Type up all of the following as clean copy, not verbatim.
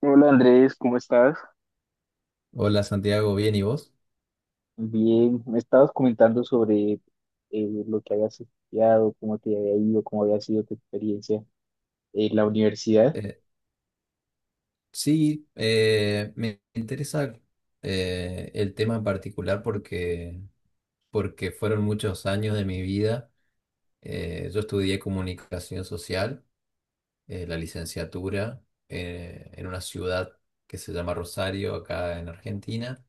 Hola Andrés, ¿cómo estás? Hola Santiago, ¿bien y vos? Bien, me estabas comentando sobre lo que habías estudiado, cómo te había ido, cómo había sido tu experiencia en la universidad. Eh, sí, me interesa el tema en particular porque fueron muchos años de mi vida. Yo estudié comunicación social, la licenciatura, en una ciudad que se llama Rosario, acá en Argentina,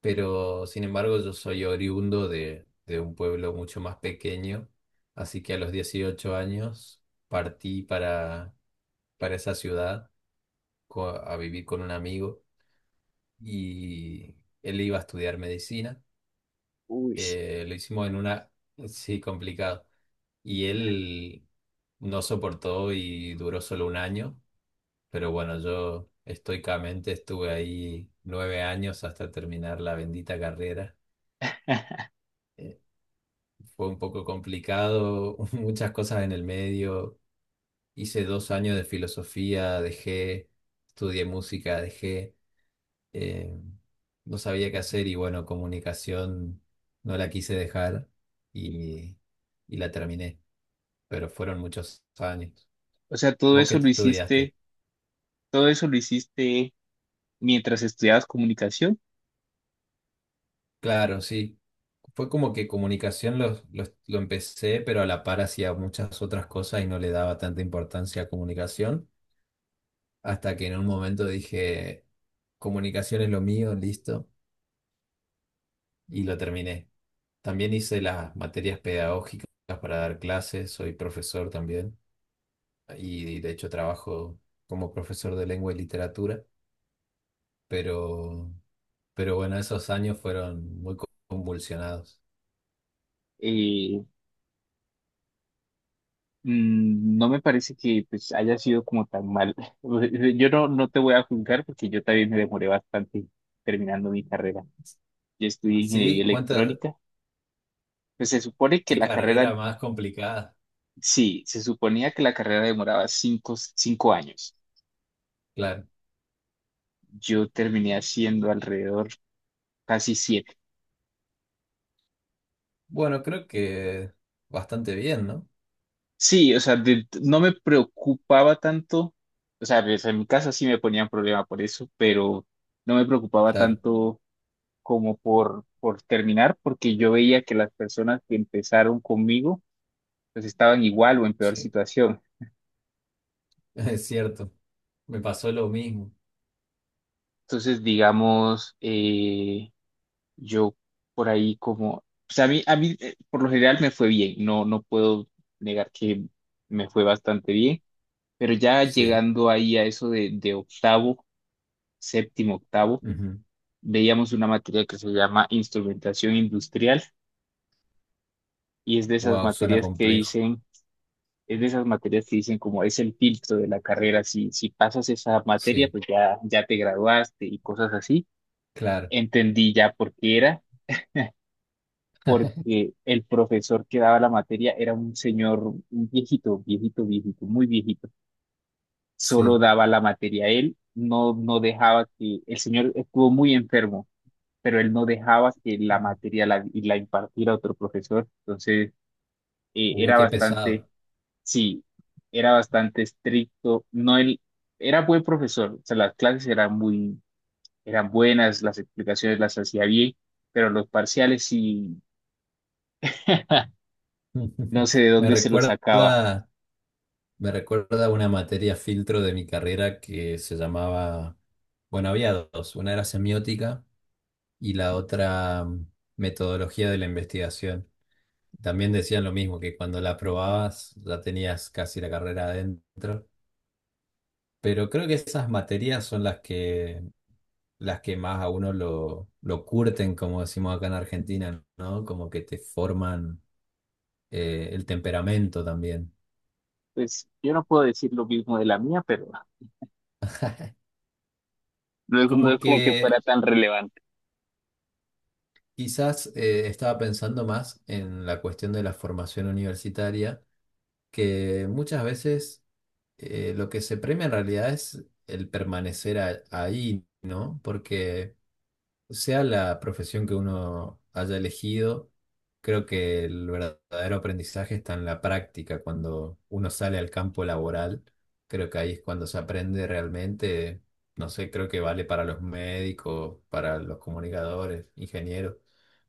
pero sin embargo yo soy oriundo de un pueblo mucho más pequeño, así que a los 18 años partí para esa ciudad a vivir con un amigo y él iba a estudiar medicina. Uy, Lo hicimos en una, sí, complicado. Y él no soportó y duró solo un año, pero bueno, yo estoicamente estuve ahí 9 años hasta terminar la bendita carrera. Eh, fue un poco complicado, muchas cosas en el medio. Hice 2 años de filosofía, dejé, estudié música, dejé. eh, no sabía qué hacer y bueno, comunicación no la quise dejar y, y la terminé, pero fueron muchos años. o sea, todo ¿Vos qué eso lo estudiaste? hiciste, todo eso lo hiciste mientras estudiabas comunicación. Claro, sí. Fue como que comunicación lo empecé, pero a la par hacía muchas otras cosas y no le daba tanta importancia a comunicación, hasta que en un momento dije, comunicación es lo mío, listo, y lo terminé. También hice las materias pedagógicas para dar clases, soy profesor también. Y de hecho trabajo como profesor de lengua y literatura, pero, pero bueno, esos años fueron muy convulsionados. Eh, Mm, no me parece que pues haya sido como tan mal. Yo no te voy a juzgar porque yo también me demoré bastante terminando mi carrera. Yo estudié ingeniería Sí, electrónica. Pues se supone que qué la carrera carrera más complicada, Sí, se suponía que la carrera demoraba cinco años. claro. Yo terminé haciendo alrededor casi siete. Bueno, creo que bastante bien, ¿no? Sí, o sea, no me preocupaba tanto. O sea, pues, en mi casa sí me ponían problema por eso, pero no me preocupaba Claro, tanto como por terminar, porque yo veía que las personas que empezaron conmigo, pues estaban igual o en peor sí, situación. es cierto. Me pasó lo mismo, Entonces, digamos, yo por ahí como, o sea, a mí por lo general me fue bien, no puedo negar que me fue bastante bien, pero ya sí. llegando ahí a eso de octavo, séptimo, octavo, veíamos una materia que se llama instrumentación industrial y Wow, suena complejo, es de esas materias que dicen como es el filtro de la carrera, si pasas esa materia, sí, pues ya te graduaste y cosas así. claro, Entendí ya por qué era porque el profesor que daba la materia era un señor, un viejito, viejito, viejito, muy viejito. Solo sí. daba la materia él, no dejaba el señor estuvo muy enfermo, pero él no dejaba que la Ujú. materia la impartiera otro profesor. Entonces, Uy, era qué bastante, pesado. sí, era bastante estricto. No, él era buen profesor, o sea, las clases eran muy, eran buenas, las explicaciones las hacía bien, pero los parciales sí, no sé de Me dónde se los sacaba. recuerda Me recuerda a una materia filtro de mi carrera que se llamaba, bueno, había dos, una era semiótica y la otra metodología de la investigación. También decían lo mismo, que cuando la aprobabas ya tenías casi la carrera adentro, pero creo que esas materias son las que más a uno lo curten, como decimos acá en Argentina, ¿no? Como que te forman el temperamento también. Pues yo no puedo decir lo mismo de la mía, pero no Como es como que fuera que... tan relevante. Quizás estaba pensando más en la cuestión de la formación universitaria, que muchas veces lo que se premia en realidad es el permanecer ahí, ¿no? Porque sea la profesión que uno haya elegido, creo que el verdadero aprendizaje está en la práctica, cuando uno sale al campo laboral, creo que ahí es cuando se aprende realmente, no sé, creo que vale para los médicos, para los comunicadores, ingenieros,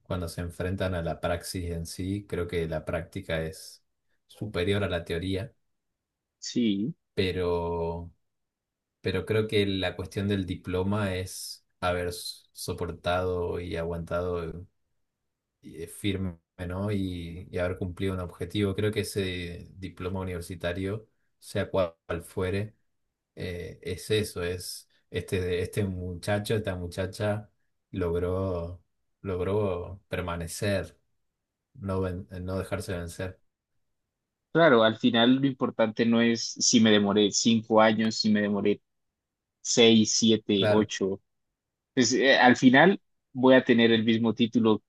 cuando se enfrentan a la praxis en sí, creo que la práctica es superior a la teoría, Sí, pero, pero creo que la cuestión del diploma es haber soportado y aguantado y, firme, ¿no? Y haber cumplido un objetivo. Creo que ese diploma universitario, sea cual fuere, es eso, es este muchacho, esta muchacha logró, logró permanecer, no, no dejarse vencer. claro, al final lo importante no es si me demoré cinco años, si me demoré seis, siete, Claro, ocho. Pues al final voy a tener el mismo título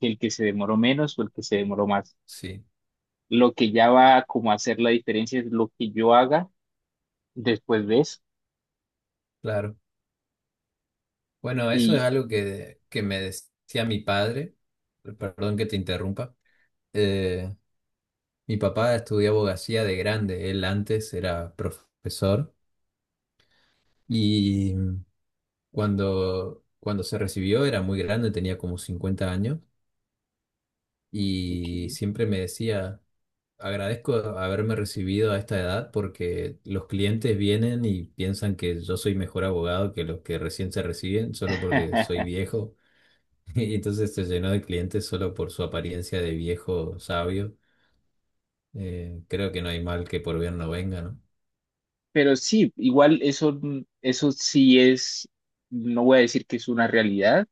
que el que se demoró menos o el que se demoró más. sí, Lo que ya va como a hacer la diferencia es lo que yo haga después de eso. claro. Bueno, eso es Y, algo que me decía mi padre, perdón que te interrumpa. Eh, mi papá estudió abogacía de grande, él antes era profesor. Y cuando se recibió era muy grande, tenía como 50 años y ok. siempre me decía, agradezco haberme recibido a esta edad porque los clientes vienen y piensan que yo soy mejor abogado que los que recién se reciben solo porque soy viejo. Y entonces se llenó de clientes solo por su apariencia de viejo sabio. Creo que no hay mal que por bien no venga, ¿no? Pero sí, igual eso sí es, no voy a decir que es una realidad,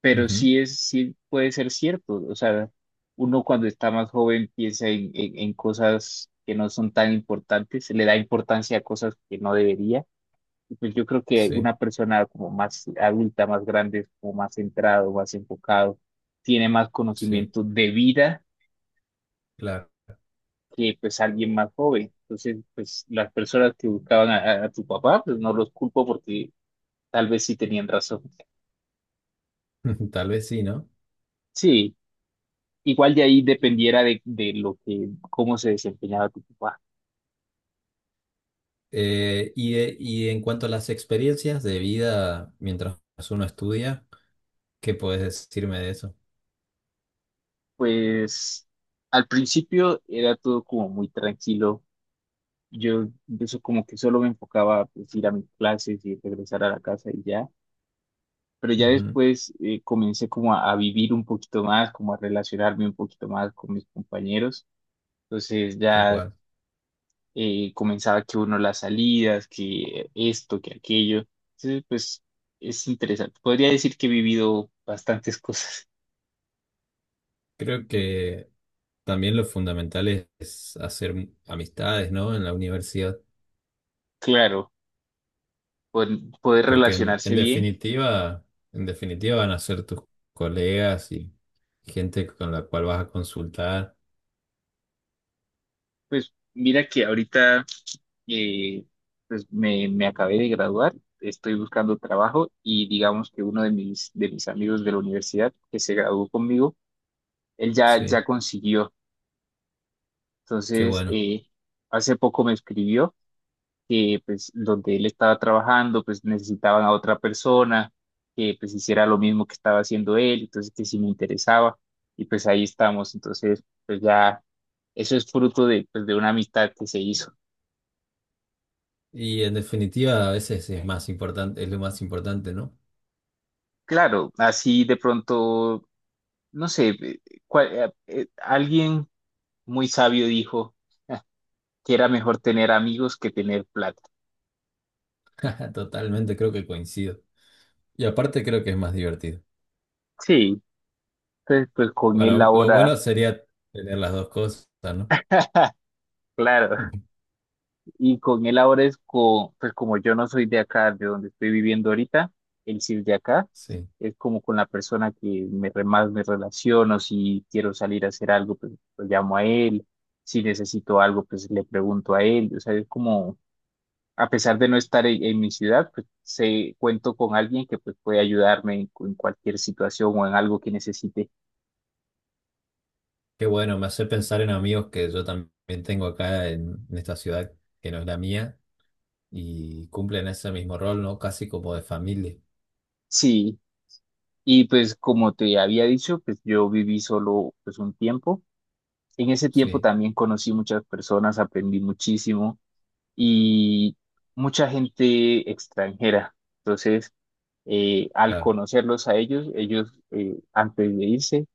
pero Ujú, sí puede ser cierto. O sea, uno cuando está más joven piensa en cosas que no son tan importantes, le da importancia a cosas que no debería. Y pues yo creo que sí, una persona como más adulta, más grande, como más centrado, más enfocado, tiene más sí, conocimiento de vida claro. que pues alguien más joven. Entonces, pues las personas que buscaban a tu papá, pues no los culpo porque tal vez sí tenían razón. Tal vez sí, ¿no? Sí. Igual de ahí dependiera de lo que, cómo se desempeñaba tu papá. Y en cuanto a las experiencias de vida mientras uno estudia, ¿qué puedes decirme de eso? Pues al principio era todo como muy tranquilo. Yo eso como que solo me enfocaba a pues, ir a mis clases y regresar a la casa y ya. Pero ya Ujú, después comencé como a vivir un poquito más, como a relacionarme un poquito más con mis compañeros. Entonces tal ya cual. Comenzaba que uno las salidas, que esto, que aquello. Entonces pues es interesante. Podría decir que he vivido bastantes cosas. Creo que también lo fundamental es hacer amistades, ¿no? En la universidad, Claro, poder, poder porque relacionarse bien. En definitiva van a ser tus colegas y gente con la cual vas a consultar. Pues mira que ahorita eh, pues me acabé de graduar, estoy buscando trabajo y digamos que uno de de mis amigos de la universidad que se graduó conmigo, él ya Sí, consiguió. qué Entonces, bueno. Hace poco me escribió que pues donde él estaba trabajando pues necesitaban a otra persona que pues hiciera lo mismo que estaba haciendo él, entonces que sí me interesaba y pues ahí estamos, entonces pues ya eso es fruto de pues de una amistad que se hizo. Y en definitiva, a veces es más importante, es lo más importante, ¿no? Claro, así de pronto, no sé, alguien muy sabio dijo que era mejor tener amigos que tener plata. Totalmente, creo que coincido. Y aparte creo que es más divertido. Sí, entonces pues con él Bueno, lo ahora, bueno sería tener las dos cosas, ¿no? claro. Ujú. Y con él ahora pues como yo no soy de acá, de donde estoy viviendo ahorita, él sí es de acá, Sí. es como con la persona que más me relaciono, si quiero salir a hacer algo, pues lo llamo a él, si necesito algo, pues le pregunto a él, o sea, es como, a pesar de no estar en mi ciudad, pues sé, cuento con alguien que pues puede ayudarme en cualquier situación o en algo que necesite. Qué bueno, me hace pensar en amigos que yo también tengo acá en esta ciudad que no es la mía y cumplen ese mismo rol, ¿no? Casi como de familia. Sí, y pues como te había dicho, pues yo viví solo pues un tiempo. En ese tiempo Sí, también conocí muchas personas, aprendí muchísimo y mucha gente extranjera. Entonces, al claro. conocerlos a ellos, antes de irse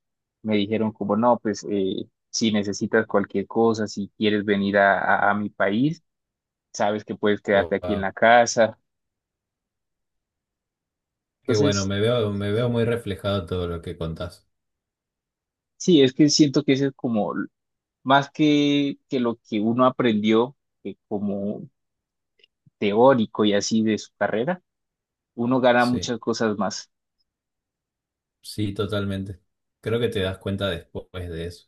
me dijeron como, no, pues si necesitas cualquier cosa, si quieres venir a mi país, sabes que puedes quedarte aquí en Wow. la casa. Qué bueno, Entonces, me veo muy reflejado todo lo que contás. sí, es que siento que ese es como más que lo que uno aprendió como teórico y así de su carrera uno gana Sí, muchas cosas más. sí, totalmente. Creo que te das cuenta después de eso.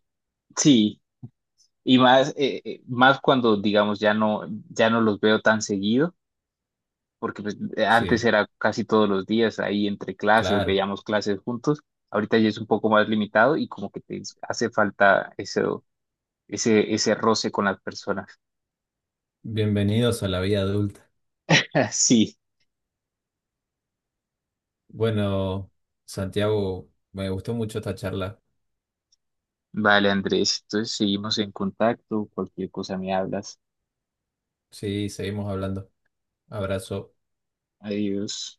Sí, y más, más cuando, digamos, ya no los veo tan seguido, porque pues, antes Sí, era casi todos los días ahí entre clases, claro. veíamos clases juntos, ahorita ya es un poco más limitado y como que te hace falta eso, ese roce con las personas. Bienvenidos a la vida adulta. Sí, Bueno, Santiago, me gustó mucho esta charla. vale, Andrés, entonces seguimos en contacto, cualquier cosa me hablas. Sí, seguimos hablando. Abrazo. Adiós.